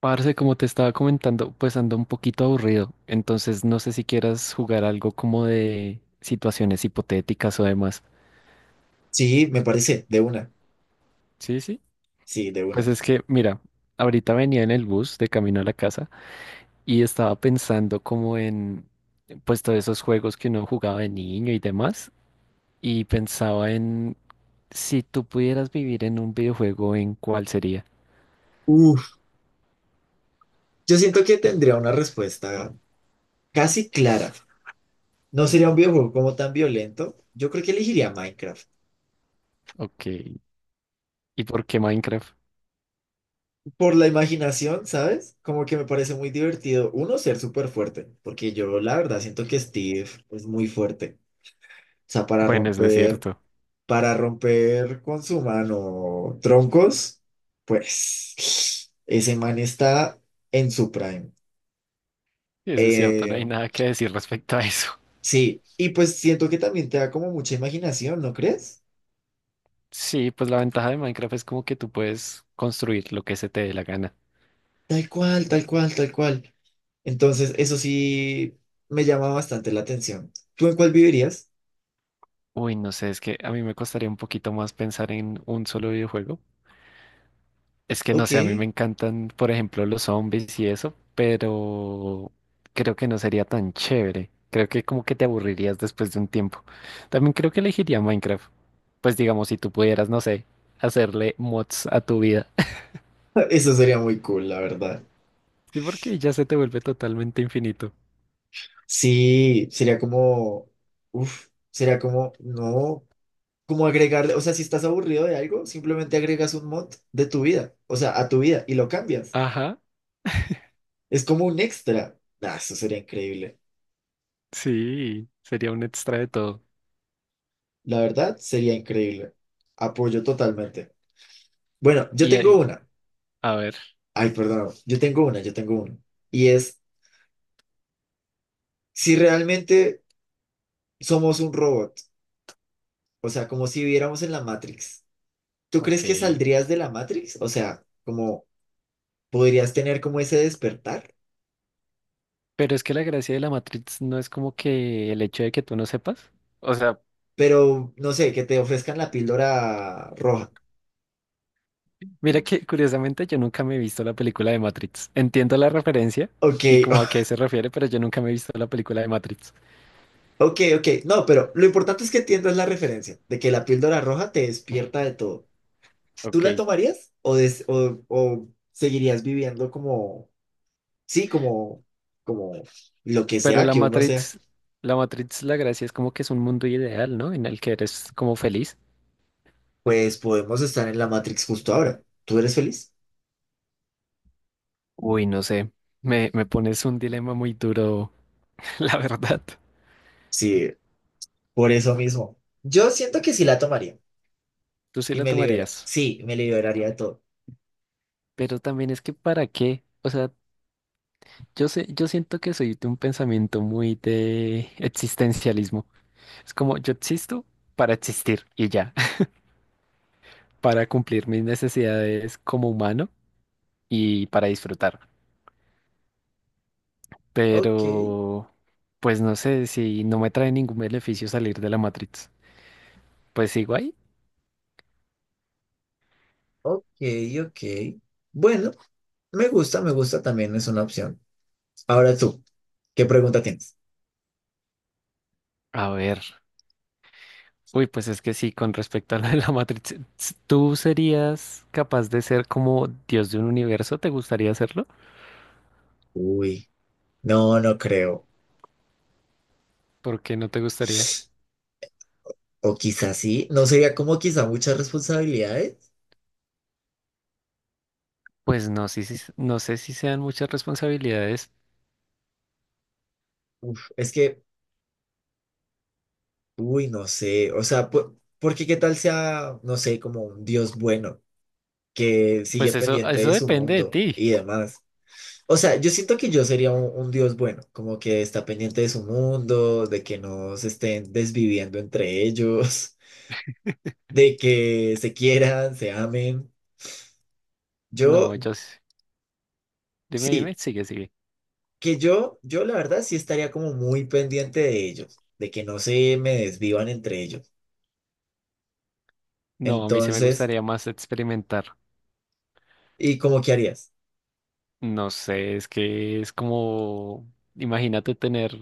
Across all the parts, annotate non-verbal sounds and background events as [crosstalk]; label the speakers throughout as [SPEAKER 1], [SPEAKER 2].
[SPEAKER 1] Parce, como te estaba comentando, pues ando un poquito aburrido, entonces no sé si quieras jugar algo como de situaciones hipotéticas o demás.
[SPEAKER 2] Sí, me parece, de una.
[SPEAKER 1] Sí, sí.
[SPEAKER 2] Sí, de
[SPEAKER 1] Pues
[SPEAKER 2] una.
[SPEAKER 1] es que, mira, ahorita venía en el bus de camino a la casa y estaba pensando como en, pues todos esos juegos que uno jugaba de niño y demás, y pensaba en si tú pudieras vivir en un videojuego, ¿en cuál sería?
[SPEAKER 2] Uf, yo siento que tendría una respuesta casi clara. No sería un videojuego como tan violento. Yo creo que elegiría Minecraft.
[SPEAKER 1] Ok. ¿Y por qué Minecraft?
[SPEAKER 2] Por la imaginación, ¿sabes? Como que me parece muy divertido. Uno, ser súper fuerte, porque yo la verdad siento que Steve es muy fuerte. O sea,
[SPEAKER 1] Bueno,
[SPEAKER 2] para romper con su mano troncos, pues [sniffs] ese man está en su prime.
[SPEAKER 1] eso es cierto, no
[SPEAKER 2] Eh,
[SPEAKER 1] hay nada que decir respecto a eso.
[SPEAKER 2] Sí, y pues siento que también te da como mucha imaginación, ¿no crees?
[SPEAKER 1] Sí, pues la ventaja de Minecraft es como que tú puedes construir lo que se te dé la gana.
[SPEAKER 2] Tal cual, tal cual, tal cual. Entonces, eso sí me llama bastante la atención. ¿Tú en cuál vivirías?
[SPEAKER 1] Uy, no sé, es que a mí me costaría un poquito más pensar en un solo videojuego. Es que no
[SPEAKER 2] Ok,
[SPEAKER 1] sé, a mí me
[SPEAKER 2] [laughs]
[SPEAKER 1] encantan, por ejemplo, los zombies y eso, pero creo que no sería tan chévere. Creo que como que te aburrirías después de un tiempo. También creo que elegiría Minecraft. Pues digamos, si tú pudieras, no sé, hacerle mods a tu vida. [laughs]
[SPEAKER 2] eso sería muy cool, la verdad.
[SPEAKER 1] Sí, porque ya se te vuelve totalmente infinito.
[SPEAKER 2] Sí, sería como, sería como, no, como agregarle, o sea, si estás aburrido de algo, simplemente agregas un mod de tu vida, o sea, a tu vida y lo cambias.
[SPEAKER 1] Ajá,
[SPEAKER 2] Es como un extra. Ah, eso sería increíble.
[SPEAKER 1] sí, sería un extra de todo.
[SPEAKER 2] La verdad, sería increíble. Apoyo totalmente. Bueno, yo
[SPEAKER 1] Y
[SPEAKER 2] tengo
[SPEAKER 1] ahí-
[SPEAKER 2] una.
[SPEAKER 1] A ver,
[SPEAKER 2] Ay, perdón, yo tengo una, yo tengo una. Y es, si realmente somos un robot, o sea, como si viviéramos en la Matrix, ¿tú
[SPEAKER 1] ok.
[SPEAKER 2] crees que saldrías de la Matrix? O sea, como podrías tener como ese despertar,
[SPEAKER 1] Pero es que la gracia de la Matrix no es como que el hecho de que tú no sepas. O sea,
[SPEAKER 2] pero no sé, que te ofrezcan la píldora roja.
[SPEAKER 1] mira que curiosamente yo nunca me he visto la película de Matrix. Entiendo la referencia
[SPEAKER 2] Ok,
[SPEAKER 1] y como a qué
[SPEAKER 2] [laughs]
[SPEAKER 1] se refiere, pero yo nunca me he visto la película de Matrix.
[SPEAKER 2] ok, ok. No, pero lo importante es que entiendas la referencia de que la píldora roja te despierta de todo. ¿Tú
[SPEAKER 1] Ok.
[SPEAKER 2] la tomarías o, o seguirías viviendo como... sí, como, como lo que
[SPEAKER 1] Pero
[SPEAKER 2] sea
[SPEAKER 1] la
[SPEAKER 2] que uno sea,
[SPEAKER 1] Matrix, la Matrix, la gracia es como que es un mundo ideal, ¿no? En el que eres como feliz.
[SPEAKER 2] pues podemos estar en la Matrix justo ahora. ¿Tú eres feliz?
[SPEAKER 1] Uy, no sé. Me pones un dilema muy duro, [laughs] la verdad.
[SPEAKER 2] Sí, por eso mismo. Yo siento que sí la tomaría
[SPEAKER 1] Tú sí
[SPEAKER 2] y
[SPEAKER 1] la
[SPEAKER 2] me libera.
[SPEAKER 1] tomarías.
[SPEAKER 2] Sí, me liberaría de todo.
[SPEAKER 1] Pero también es que ¿para qué? O sea, yo sé, yo siento que soy de un pensamiento muy de existencialismo. Es como yo existo para existir y ya, [laughs] para cumplir mis necesidades como humano y para disfrutar.
[SPEAKER 2] Ok,
[SPEAKER 1] Pero, pues no sé si no me trae ningún beneficio salir de la Matrix. Pues sigo ahí.
[SPEAKER 2] ok, ok. Bueno, me gusta también, es una opción. Ahora tú, ¿qué pregunta tienes?
[SPEAKER 1] A ver. Uy, pues es que sí, con respecto a lo de la Matrix, ¿tú serías capaz de ser como Dios de un universo? ¿Te gustaría hacerlo?
[SPEAKER 2] Uy, no, no creo.
[SPEAKER 1] ¿Por qué no te gustaría?
[SPEAKER 2] O quizás sí, no sería como quizá muchas responsabilidades.
[SPEAKER 1] Pues no, sí, no sé si sean muchas responsabilidades.
[SPEAKER 2] Uf, es que No sé, o sea, porque qué tal sea, no sé, como un Dios bueno que sigue
[SPEAKER 1] Pues eso,
[SPEAKER 2] pendiente
[SPEAKER 1] eso
[SPEAKER 2] de su
[SPEAKER 1] depende de
[SPEAKER 2] mundo
[SPEAKER 1] ti.
[SPEAKER 2] y demás. O sea, yo siento que yo sería un Dios bueno, como que está pendiente de su mundo, de que no se estén desviviendo entre ellos, [laughs] de que se quieran, se amen. Yo,
[SPEAKER 1] No, dime,
[SPEAKER 2] sí,
[SPEAKER 1] dime, sigue, sigue.
[SPEAKER 2] que yo la verdad sí estaría como muy pendiente de ellos, de que no se me desvivan entre ellos.
[SPEAKER 1] No, a mí sí me
[SPEAKER 2] Entonces,
[SPEAKER 1] gustaría más experimentar.
[SPEAKER 2] ¿y cómo qué harías?
[SPEAKER 1] No sé, es que es como, imagínate tener,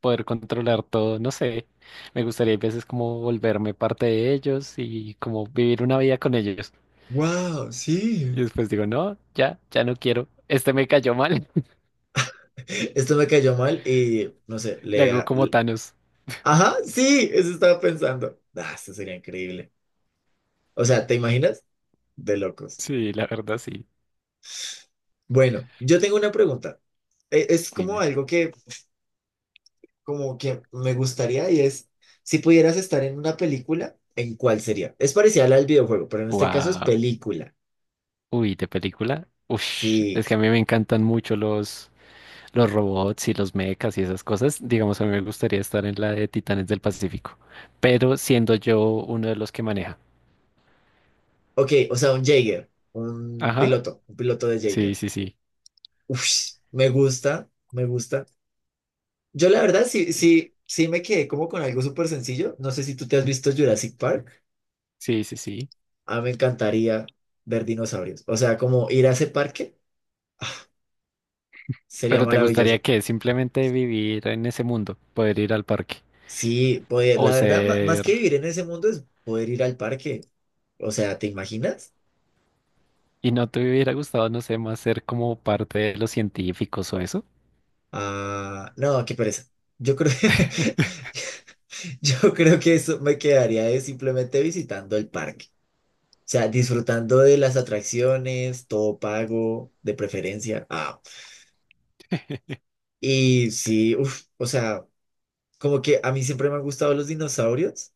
[SPEAKER 1] poder controlar todo, no sé. Me gustaría a veces como volverme parte de ellos y como vivir una vida con ellos.
[SPEAKER 2] Wow, sí.
[SPEAKER 1] Y después digo, no, ya, ya no quiero. Este me cayó mal. [laughs]
[SPEAKER 2] [laughs] Esto me cayó mal y no sé,
[SPEAKER 1] Le
[SPEAKER 2] le...
[SPEAKER 1] hago
[SPEAKER 2] a-
[SPEAKER 1] como
[SPEAKER 2] le-
[SPEAKER 1] Thanos.
[SPEAKER 2] Ajá, sí, eso estaba pensando. Ah, esto sería increíble. O sea, ¿te imaginas? De locos.
[SPEAKER 1] Sí, la verdad, sí.
[SPEAKER 2] Bueno, yo tengo una pregunta. Es como
[SPEAKER 1] Dime.
[SPEAKER 2] algo que, como que me gustaría y es, si pudieras estar en una película, ¿en cuál sería? Es parecida a la del videojuego, pero en este caso es
[SPEAKER 1] Wow.
[SPEAKER 2] película.
[SPEAKER 1] Uy, de película. Ush, es
[SPEAKER 2] Sí.
[SPEAKER 1] que a mí me encantan mucho los robots y los mechas y esas cosas. Digamos, a mí me gustaría estar en la de Titanes del Pacífico, pero siendo yo uno de los que maneja.
[SPEAKER 2] Ok, o sea, un Jaeger,
[SPEAKER 1] Ajá.
[SPEAKER 2] un piloto de
[SPEAKER 1] Sí,
[SPEAKER 2] Jaeger.
[SPEAKER 1] sí, sí.
[SPEAKER 2] Uf, me gusta, me gusta. Yo la verdad sí, sí, sí me quedé como con algo súper sencillo. No sé si tú te has visto Jurassic Park.
[SPEAKER 1] Sí, sí, sí.
[SPEAKER 2] A mí me encantaría ver dinosaurios. O sea, como ir a ese parque ah, sería
[SPEAKER 1] Pero ¿te gustaría
[SPEAKER 2] maravilloso.
[SPEAKER 1] que simplemente vivir en ese mundo, poder ir al parque
[SPEAKER 2] Sí, poder,
[SPEAKER 1] o
[SPEAKER 2] la verdad, más
[SPEAKER 1] ser...
[SPEAKER 2] que vivir en ese mundo es poder ir al parque. O sea, ¿te imaginas?
[SPEAKER 1] ¿Y no te hubiera gustado, no sé, más ser como parte de los científicos o eso?
[SPEAKER 2] Ah, no, qué pereza. Yo creo, [laughs] yo creo que eso me quedaría de simplemente visitando el parque. O sea, disfrutando de las atracciones, todo pago, de preferencia. Ah,
[SPEAKER 1] [laughs]
[SPEAKER 2] y sí, uff, o sea, como que a mí siempre me han gustado los dinosaurios,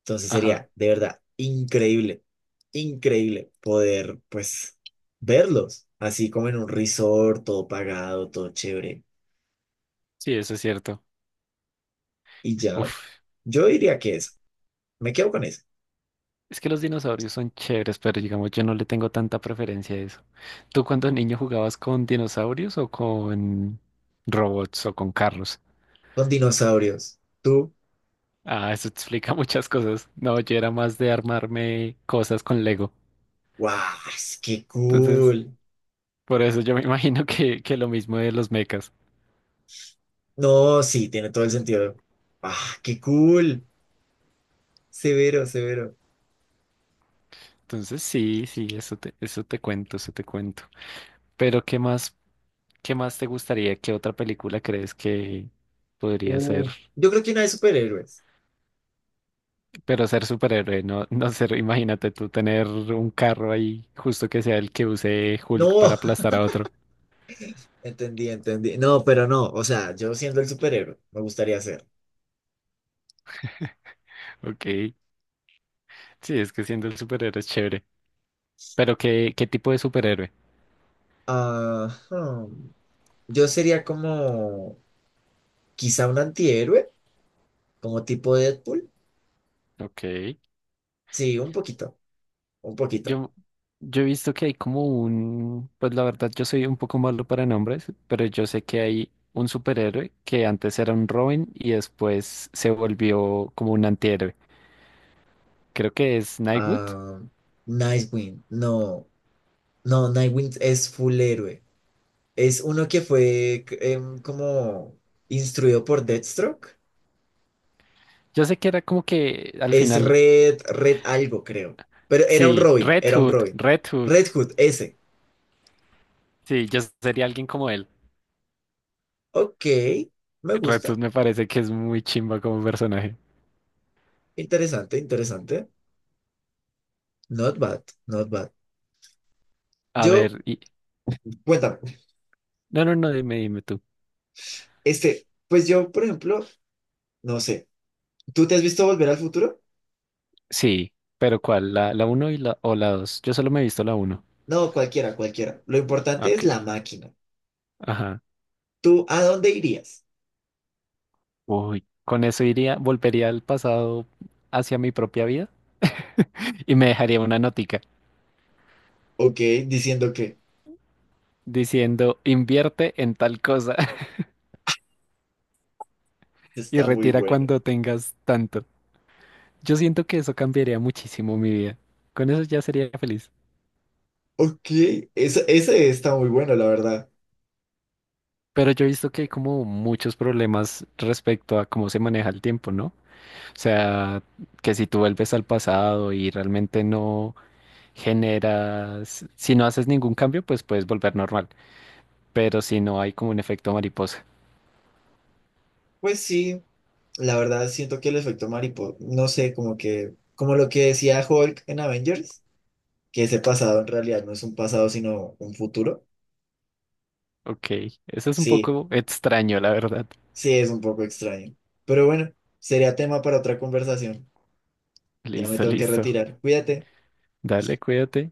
[SPEAKER 2] entonces
[SPEAKER 1] Ajá.
[SPEAKER 2] sería de verdad increíble, increíble poder pues verlos, así como en un resort, todo pagado, todo chévere.
[SPEAKER 1] Sí, eso es cierto.
[SPEAKER 2] Y ya,
[SPEAKER 1] Uf.
[SPEAKER 2] yo diría que eso, me quedo con eso,
[SPEAKER 1] Es que los dinosaurios son chéveres, pero digamos, yo no le tengo tanta preferencia a eso. ¿Tú cuando niño jugabas con dinosaurios o con robots o con carros?
[SPEAKER 2] con dinosaurios. Tú,
[SPEAKER 1] Ah, eso explica [laughs] muchas cosas. No, yo era más de armarme cosas con Lego.
[SPEAKER 2] wow, qué
[SPEAKER 1] Entonces,
[SPEAKER 2] cool.
[SPEAKER 1] por eso yo me [laughs] imagino que, lo mismo de los mechas.
[SPEAKER 2] No, sí, tiene todo el sentido. Ah, qué cool. Severo, severo.
[SPEAKER 1] Entonces, sí, sí, eso te cuento, Pero, qué más te gustaría? ¿Qué otra película crees que podría ser?
[SPEAKER 2] Uf, yo creo que una de superhéroes.
[SPEAKER 1] Pero ser superhéroe, no, [laughs] no ser, imagínate tú tener un carro ahí, justo que sea el que use Hulk para
[SPEAKER 2] No.
[SPEAKER 1] aplastar a otro.
[SPEAKER 2] Entendí, entendí. No, pero no, o sea, yo siendo el superhéroe, me gustaría ser.
[SPEAKER 1] [laughs] Ok. Sí, es que siendo el superhéroe es chévere. Pero ¿qué tipo de superhéroe?
[SPEAKER 2] Ajá. Yo sería como quizá un antihéroe, como tipo Deadpool.
[SPEAKER 1] Ok.
[SPEAKER 2] Sí, un poquito, un poquito.
[SPEAKER 1] Yo, yo he visto que hay como un, pues la verdad yo soy un poco malo para nombres, pero yo sé que hay un superhéroe que antes era un Robin y después se volvió como un antihéroe. Creo que es Nightwood.
[SPEAKER 2] Ah, Nightwing, no, no, Nightwing es full héroe. Es uno que fue como instruido por Deathstroke.
[SPEAKER 1] Yo sé que era como que al
[SPEAKER 2] Es
[SPEAKER 1] final,
[SPEAKER 2] Red, Red algo, creo. Pero era un
[SPEAKER 1] sí,
[SPEAKER 2] Robin,
[SPEAKER 1] Red
[SPEAKER 2] era un
[SPEAKER 1] Hood,
[SPEAKER 2] Robin.
[SPEAKER 1] Red Hood.
[SPEAKER 2] Red Hood, ese.
[SPEAKER 1] Sí, yo sería alguien como él.
[SPEAKER 2] Ok, me gusta.
[SPEAKER 1] Retus me parece que es muy chimba como personaje.
[SPEAKER 2] Interesante, interesante. Not bad, not bad.
[SPEAKER 1] A
[SPEAKER 2] Yo,
[SPEAKER 1] ver, y...
[SPEAKER 2] cuéntame,
[SPEAKER 1] No, no, no, dime, dime tú.
[SPEAKER 2] este, pues yo, por ejemplo, no sé, ¿tú te has visto Volver al Futuro?
[SPEAKER 1] Sí, pero ¿cuál? ¿La uno y la, o la dos? Yo solo me he visto la uno.
[SPEAKER 2] No, cualquiera, cualquiera. Lo
[SPEAKER 1] Ah,
[SPEAKER 2] importante es
[SPEAKER 1] ok,
[SPEAKER 2] la máquina.
[SPEAKER 1] ajá.
[SPEAKER 2] ¿Tú a dónde irías?
[SPEAKER 1] Uy, con eso iría, volvería al pasado hacia mi propia vida y me dejaría una notica
[SPEAKER 2] Ok, diciendo que
[SPEAKER 1] diciendo invierte en tal cosa [laughs] y
[SPEAKER 2] está muy
[SPEAKER 1] retira
[SPEAKER 2] bueno.
[SPEAKER 1] cuando tengas tanto. Yo siento que eso cambiaría muchísimo mi vida. Con eso ya sería feliz.
[SPEAKER 2] Ok, ese está muy bueno, la verdad.
[SPEAKER 1] Pero yo he visto que hay como muchos problemas respecto a cómo se maneja el tiempo, ¿no? O sea, que si tú vuelves al pasado y realmente no generas, si no haces ningún cambio, pues puedes volver normal, pero si no hay como un efecto mariposa.
[SPEAKER 2] Pues sí, la verdad siento que el efecto mariposa, no sé, como que, como lo que decía Hulk en Avengers, que ese pasado en realidad no es un pasado, sino un futuro.
[SPEAKER 1] Ok, eso es un
[SPEAKER 2] Sí,
[SPEAKER 1] poco extraño, la verdad.
[SPEAKER 2] sí, es un poco extraño. Pero bueno, sería tema para otra conversación. Ya me
[SPEAKER 1] Listo,
[SPEAKER 2] tengo que
[SPEAKER 1] listo.
[SPEAKER 2] retirar. Cuídate.
[SPEAKER 1] Dale, cuídate.